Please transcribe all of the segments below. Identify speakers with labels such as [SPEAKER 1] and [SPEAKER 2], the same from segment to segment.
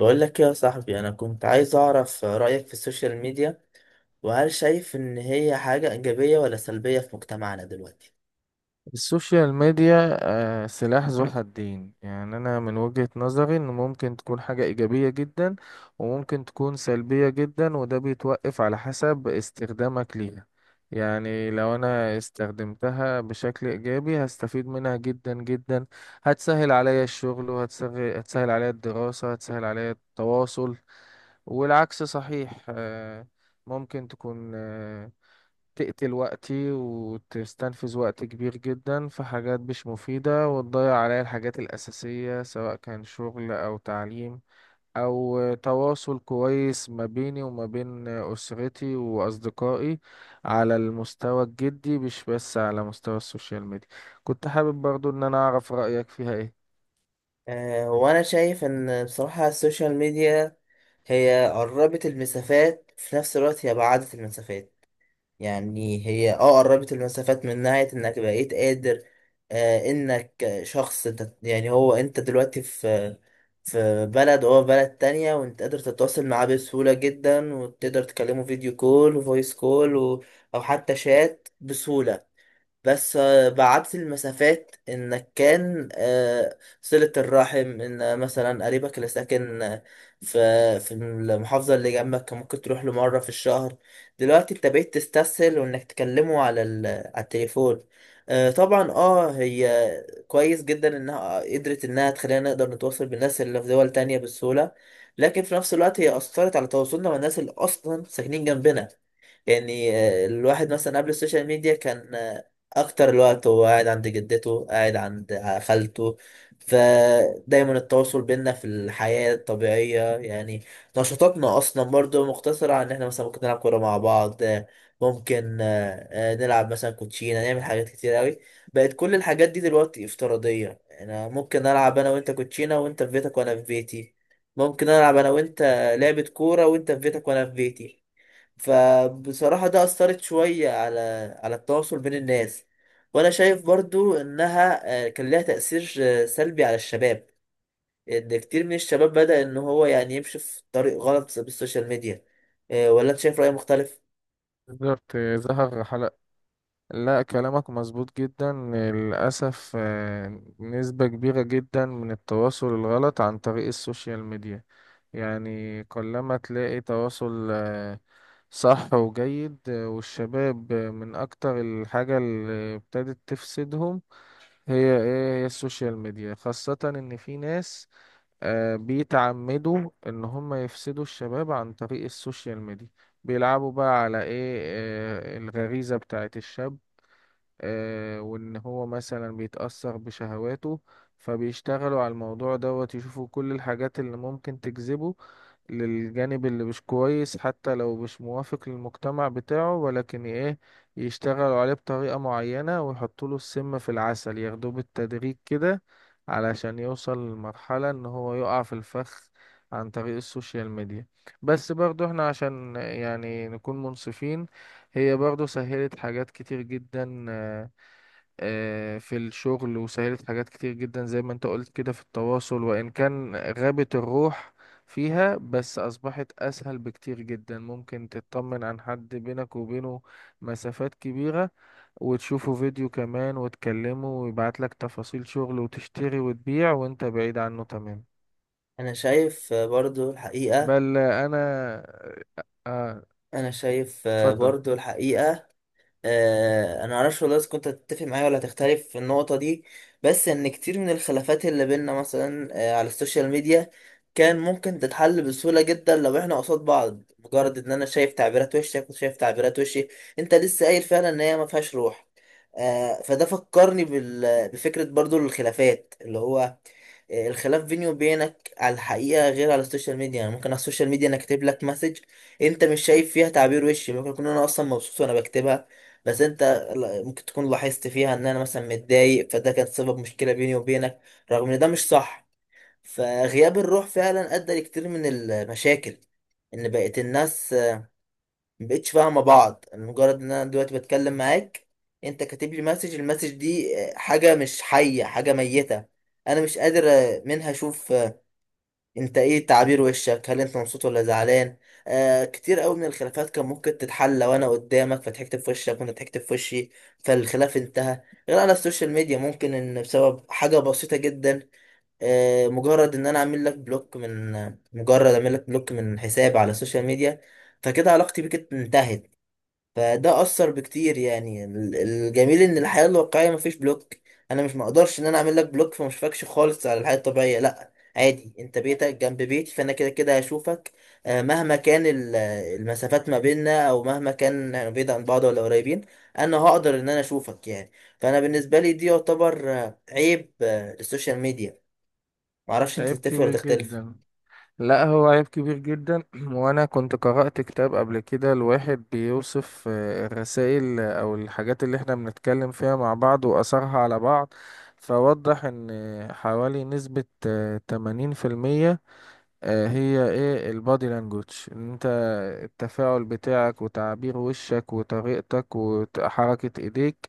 [SPEAKER 1] بقول لك يا صاحبي، انا كنت عايز اعرف رأيك في السوشيال ميديا، وهل شايف ان هي حاجة ايجابية ولا سلبية في مجتمعنا دلوقتي؟
[SPEAKER 2] السوشيال ميديا، سلاح ذو حدين. يعني أنا من وجهة نظري إن ممكن تكون حاجة إيجابية جدا، وممكن تكون سلبية جدا، وده بيتوقف على حسب استخدامك ليها. يعني لو أنا استخدمتها بشكل إيجابي هستفيد منها جدا جدا، هتسهل عليا الشغل، وهتسهل عليا الدراسة، هتسهل عليا التواصل. والعكس صحيح. ممكن تكون، تقتل وقتي وتستنفذ وقت كبير جدا في حاجات مش مفيدة، وتضيع عليا الحاجات الأساسية سواء كان شغل أو تعليم أو تواصل كويس ما بيني وما بين أسرتي وأصدقائي على المستوى الجدي، مش بس على مستوى السوشيال ميديا. كنت حابب برضو إن أنا أعرف رأيك فيها إيه؟
[SPEAKER 1] أه، وانا شايف ان بصراحة السوشيال ميديا هي قربت المسافات، في نفس الوقت هي بعدت المسافات. يعني هي قربت المسافات من ناحية انك بقيت قادر، انك شخص يعني هو انت دلوقتي في بلد وهو في بلد تانية، وانت قادر تتواصل معاه بسهولة جدا، وتقدر تكلمه فيديو كول وفويس كول او حتى شات بسهولة. بس بعدت المسافات انك كان صلة الرحم ان مثلا قريبك اللي ساكن في المحافظة اللي جنبك كان ممكن تروح له مرة في الشهر، دلوقتي انت بقيت تستسهل وانك تكلمه على التليفون. طبعا هي كويس جدا انها قدرت انها تخلينا نقدر نتواصل بالناس اللي في دول تانية بسهولة، لكن في نفس الوقت هي أثرت على تواصلنا مع الناس اللي أصلا ساكنين جنبنا. يعني الواحد مثلا قبل السوشيال ميديا كان اكتر الوقت هو قاعد عند جدته، قاعد عند خالته، فدايما التواصل بينا في الحياة الطبيعية. يعني نشاطاتنا اصلا برضو مقتصرة على ان احنا مثلا ممكن نلعب كورة مع بعض، ممكن نلعب مثلا كوتشينة، نعمل حاجات كتير قوي. بقت كل الحاجات دي دلوقتي افتراضية، يعني انا ممكن العب انا وانت كوتشينة وانت في بيتك وانا في بيتي، ممكن العب انا وانت لعبة كورة وانت في بيتك وانا في بيتي. فبصراحة ده أثرت شوية على التواصل بين الناس. وأنا شايف برضو إنها كان لها تأثير سلبي على الشباب، إن كتير من الشباب بدأ إن هو يعني يمشي في طريق غلط بالسوشيال ميديا. ولا أنت شايف رأي مختلف؟
[SPEAKER 2] بالظبط ظهر حلقة. لا، كلامك مظبوط جدا للأسف. نسبة كبيرة جدا من التواصل الغلط عن طريق السوشيال ميديا. يعني قلما تلاقي تواصل صح وجيد. والشباب من أكتر الحاجة اللي ابتدت تفسدهم هي إيه؟ هي السوشيال ميديا، خاصة إن في ناس بيتعمدوا إن هم يفسدوا الشباب عن طريق السوشيال ميديا. بيلعبوا بقى على إيه، الغريزة بتاعت الشاب. وان هو مثلا بيتأثر بشهواته، فبيشتغلوا على الموضوع دوت يشوفوا كل الحاجات اللي ممكن تجذبه للجانب اللي مش كويس، حتى لو مش موافق للمجتمع بتاعه. ولكن ايه، يشتغلوا عليه بطريقة معينة ويحطوا له السم في العسل، ياخدوه بالتدريج كده علشان يوصل لمرحلة ان هو يقع في الفخ عن طريق السوشيال ميديا. بس برضو احنا عشان يعني نكون منصفين، هي برضو سهلت حاجات كتير جدا، في الشغل، وسهلت حاجات كتير جدا زي ما انت قلت كده في التواصل، وإن كان غابت الروح فيها، بس أصبحت أسهل بكتير جدا. ممكن تطمن عن حد بينك وبينه مسافات كبيرة، وتشوفوا فيديو كمان وتكلموا، ويبعت لك تفاصيل شغل وتشتري وتبيع وانت بعيد عنه تمام.
[SPEAKER 1] أنا شايف آه، برضو الحقيقة
[SPEAKER 2] بل أنا آه،
[SPEAKER 1] أنا شايف
[SPEAKER 2] اتفضل.
[SPEAKER 1] برضو الحقيقة، انا معرفش والله اذا كنت هتتفق معايا ولا هتختلف في النقطه دي، بس ان كتير من الخلافات اللي بينا مثلا على السوشيال ميديا كان ممكن تتحل بسهوله جدا، لو احنا قصاد بعض، مجرد ان انا شايف تعبيرات وشك وشايف تعبيرات وشي. انت لسه قايل فعلا ان هي ما فيهاش روح. فده فكرني بفكره، برضو الخلافات اللي هو الخلاف بيني وبينك على الحقيقة غير على السوشيال ميديا، يعني ممكن على السوشيال ميديا انا كاتب لك مسج، انت مش شايف فيها تعبير وشي، ممكن اكون انا اصلا مبسوط وانا بكتبها، بس انت ممكن تكون لاحظت فيها ان انا مثلا متضايق، فده كان سبب مشكلة بيني وبينك، رغم ان ده مش صح. فغياب الروح فعلا ادى لكتير من المشاكل، ان بقت الناس مبقتش فاهمة بعض، مجرد ان انا دلوقتي بتكلم معاك، انت كاتب لي مسج، المسج دي حاجة مش حية، حاجة ميتة. انا مش قادر منها اشوف انت ايه تعابير وشك، هل انت مبسوط ولا زعلان. كتير قوي من الخلافات كان ممكن تتحل لو انا قدامك، فضحكت في وشك وانت ضحكت في وشي، فالخلاف انتهى. غير على السوشيال ميديا ممكن ان بسبب حاجة بسيطة جدا، آه مجرد ان انا اعمل لك بلوك من مجرد اعمل لك بلوك من حساب على السوشيال ميديا، فكده علاقتي بيك انتهت. فده اثر بكتير، يعني الجميل ان الحياه الواقعيه مفيش بلوك. انا مش مقدرش ان انا اعمل لك بلوك فما اشوفكش خالص على الحياه الطبيعيه، لا عادي، انت بيتك جنب بيتي فانا كده كده هشوفك. مهما كان المسافات ما بيننا، او مهما كان يعني بعيد عن بعض ولا قريبين، انا هقدر ان انا اشوفك يعني. فانا بالنسبه لي دي يعتبر عيب للسوشيال ميديا. معرفش انت
[SPEAKER 2] عيب
[SPEAKER 1] تتفق ولا
[SPEAKER 2] كبير
[SPEAKER 1] تختلف.
[SPEAKER 2] جدا. لا، هو عيب كبير جدا. وانا كنت قرأت كتاب قبل كده الواحد بيوصف الرسائل او الحاجات اللي احنا بنتكلم فيها مع بعض واثرها على بعض. فوضح ان حوالي نسبة 80%. هي ايه البادي لانجوج؟ ان انت، التفاعل بتاعك وتعبير وشك وطريقتك وحركة ايديك،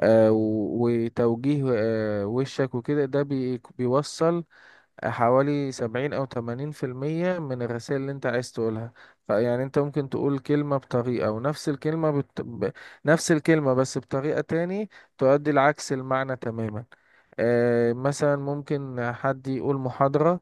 [SPEAKER 2] وتوجيه وشك وكده، ده بيوصل حوالي 70 أو 80% من الرسائل اللي أنت عايز تقولها. فيعني أنت ممكن تقول كلمة بطريقة، ونفس الكلمة نفس الكلمة بس بطريقة تاني تؤدي العكس المعنى تماما. آه مثلا ممكن حد يقول محاضرة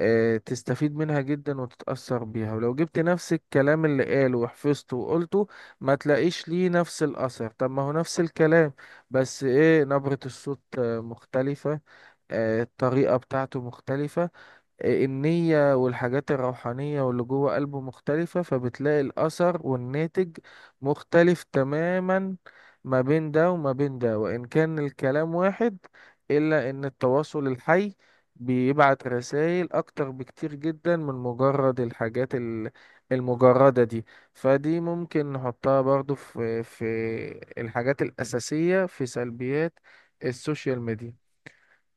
[SPEAKER 2] تستفيد منها جدا وتتأثر بيها، ولو جبت نفس الكلام اللي قاله وحفظته وقلته ما تلاقيش ليه نفس الأثر. طب ما هو نفس الكلام، بس ايه، نبرة الصوت مختلفة، الطريقة بتاعته مختلفة، النية والحاجات الروحانية واللي جوه قلبه مختلفة. فبتلاقي الأثر والناتج مختلف تماما ما بين ده وما بين ده، وإن كان الكلام واحد. إلا إن التواصل الحي بيبعت رسائل أكتر بكتير جدا من مجرد الحاجات المجردة دي. فدي ممكن نحطها برضو في الحاجات الأساسية في سلبيات السوشيال ميديا.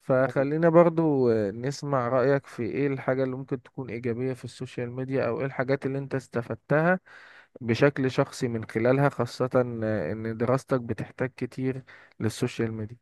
[SPEAKER 2] فخلينا برضو نسمع رأيك في ايه الحاجة اللي ممكن تكون إيجابية في السوشيال ميديا، او ايه الحاجات اللي انت استفدتها بشكل شخصي من خلالها، خاصة ان دراستك بتحتاج كتير للسوشيال ميديا.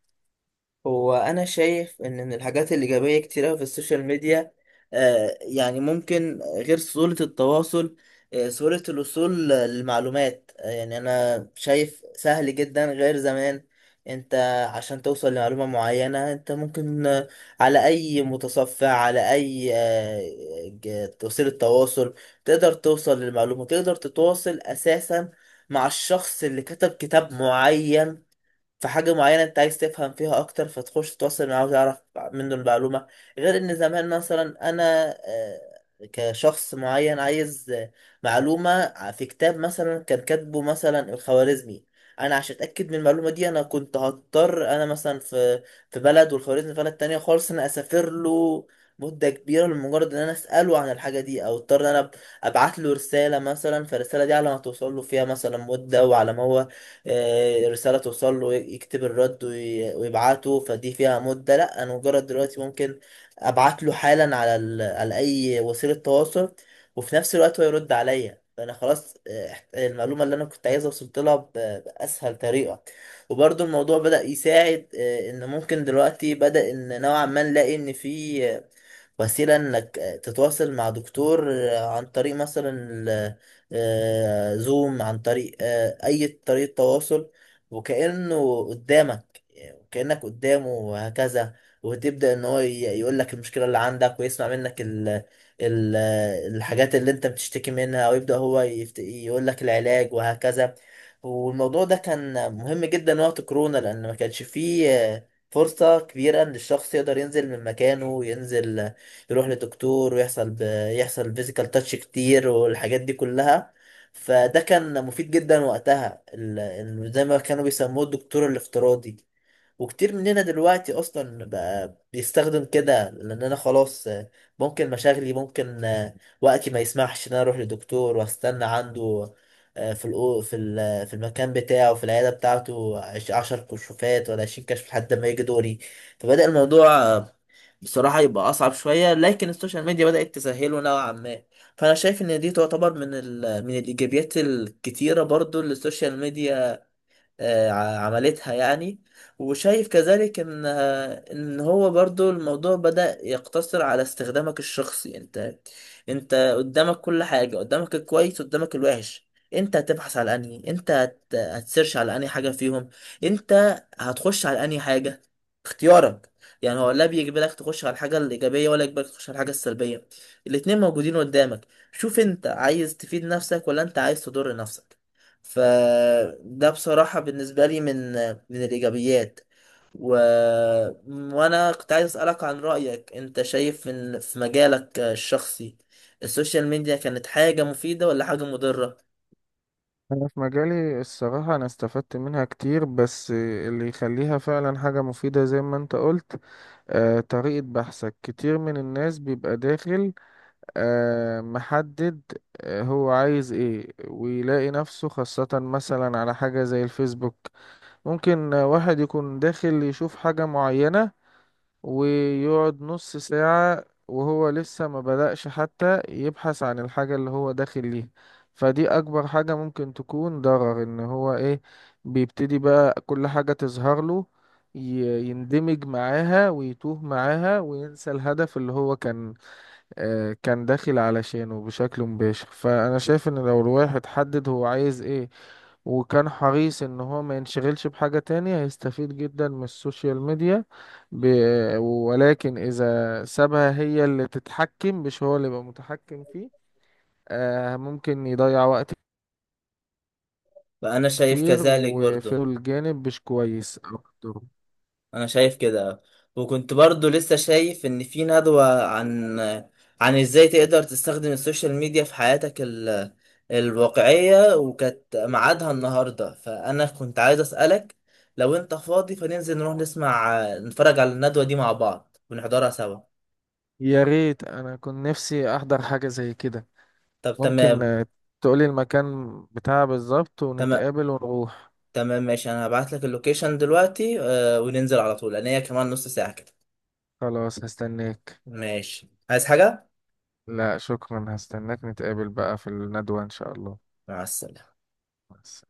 [SPEAKER 1] هو انا شايف ان من الحاجات الايجابيه كتير أوي في السوشيال ميديا، يعني ممكن، غير سهوله التواصل، سهوله الوصول للمعلومات، يعني انا شايف سهل جدا غير زمان. انت عشان توصل لمعلومه معينه انت ممكن على اي متصفح، على اي وسيله تواصل، تقدر توصل للمعلومه، تقدر تتواصل اساسا مع الشخص اللي كتب كتاب معين في حاجة معينة انت عايز تفهم فيها اكتر، فتخش تتواصل معاه وتعرف منه المعلومة. غير ان زمان مثلا انا آه، كشخص معين عايز معلومة في كتاب مثلا كان كاتبه مثلا الخوارزمي، انا عشان اتاكد من المعلومة دي انا كنت هضطر انا مثلا في بلد والخوارزمي في بلد تانية خالص، انا اسافر له مدة كبيرة لمجرد ان انا اساله عن الحاجة دي، او اضطر ان انا ابعت له رسالة مثلا، فالرسالة دي على ما توصل له فيها مثلا مدة، وعلى ما هو رسالة توصل له يكتب الرد ويبعته، فدي فيها مدة. لا، انا مجرد دلوقتي ممكن ابعت له حالا على اي وسيلة تواصل، وفي نفس الوقت هو يرد عليا، فانا خلاص، المعلومة اللي انا كنت عايزها وصلت لها باسهل طريقة. وبرضه الموضوع بدأ يساعد، ان ممكن دلوقتي بدأ ان نوعا ما نلاقي ان في وسيلة انك تتواصل مع دكتور عن طريق مثلا زوم، عن طريق اي طريقة تواصل، وكأنه قدامك وكأنك قدامه وهكذا، وتبدأ ان هو يقول لك المشكلة اللي عندك، ويسمع منك ال ال الحاجات اللي انت بتشتكي منها، ويبدأ هو يقول لك العلاج وهكذا. والموضوع ده كان مهم جدا وقت كورونا، لأن ما كانش فيه فرصة كبيرة إن الشخص يقدر ينزل من مكانه وينزل يروح لدكتور ويحصل يحصل فيزيكال تاتش كتير والحاجات دي كلها. فده كان مفيد جدا وقتها، زي ما كانوا بيسموه الدكتور الافتراضي. وكتير مننا دلوقتي اصلا بقى بيستخدم كده، لان انا خلاص ممكن مشاغلي، ممكن وقتي ما يسمحش ان انا اروح لدكتور واستنى عنده في الأو في ال- آه، في المكان بتاعه في العياده بتاعته 10 كشوفات ولا 20 كشف لحد ما يجي دوري. فبدأ الموضوع بصراحه يبقى اصعب شويه، لكن السوشيال ميديا بدأت تسهله نوعا ما. فانا شايف ان دي تعتبر من الايجابيات الكتيره برضو اللي السوشيال ميديا عملتها يعني. وشايف كذلك ان هو برضو الموضوع بدأ يقتصر على استخدامك الشخصي انت، انت قدامك كل حاجة، قدامك الكويس قدامك الوحش. انت هتبحث على انهي، انت هتسيرش على انهي حاجة فيهم، انت هتخش على انهي حاجة، اختيارك. يعني هو لا بيجبرك تخش على الحاجة الإيجابية ولا يجبرك تخش على الحاجة السلبية، الاتنين موجودين قدامك. شوف انت عايز تفيد نفسك ولا انت عايز تضر نفسك. فده بصراحة بالنسبة لي من الإيجابيات. و... وأنا كنت عايز أسألك عن رأيك، أنت شايف إن في مجالك الشخصي السوشيال ميديا كانت حاجة مفيدة ولا حاجة مضرة؟
[SPEAKER 2] أنا في مجالي الصراحة أنا استفدت منها كتير، بس اللي يخليها فعلا حاجة مفيدة زي ما أنت قلت طريقة بحثك. كتير من الناس بيبقى داخل محدد، هو عايز إيه، ويلاقي نفسه خاصة مثلا على حاجة زي الفيسبوك. ممكن واحد يكون داخل يشوف حاجة معينة، ويقعد نص ساعة وهو لسه ما بدأش حتى يبحث عن الحاجة اللي هو داخل ليها. فدي أكبر حاجة ممكن تكون ضرر، إن هو إيه، بيبتدي بقى كل حاجة تظهر له يندمج معاها ويتوه معاها وينسى الهدف اللي هو كان كان داخل علشانه بشكل مباشر. فانا شايف ان لو الواحد حدد هو عايز ايه، وكان حريص ان هو ما ينشغلش بحاجة تانية، هيستفيد جدا من السوشيال ميديا. ب... ولكن اذا سابها هي اللي تتحكم، مش هو اللي يبقى متحكم فيه، ممكن يضيع وقت
[SPEAKER 1] فأنا شايف
[SPEAKER 2] كتير
[SPEAKER 1] كذلك
[SPEAKER 2] وفي
[SPEAKER 1] برضو
[SPEAKER 2] الجانب مش كويس اكتر.
[SPEAKER 1] انا شايف كده. وكنت برضو لسه شايف ان في ندوة عن ازاي تقدر تستخدم السوشيال ميديا في حياتك الواقعية، وكانت ميعادها النهاردة، فانا كنت عايز اسألك لو انت فاضي، فننزل نروح نسمع نتفرج على الندوة دي مع بعض ونحضرها سوا.
[SPEAKER 2] يا ريت، انا كنت نفسي احضر حاجة زي كده.
[SPEAKER 1] طب
[SPEAKER 2] ممكن
[SPEAKER 1] تمام.
[SPEAKER 2] تقولي المكان بتاعها بالظبط
[SPEAKER 1] تمام،
[SPEAKER 2] ونتقابل ونروح.
[SPEAKER 1] تمام، ماشي، انا هبعت لك اللوكيشن دلوقتي، وننزل على طول لان هي كمان نص ساعة كده.
[SPEAKER 2] خلاص، هستناك.
[SPEAKER 1] ماشي، عايز حاجة؟
[SPEAKER 2] لا شكرا، هستناك، نتقابل بقى في الندوة إن شاء الله.
[SPEAKER 1] مع السلامة.
[SPEAKER 2] بس.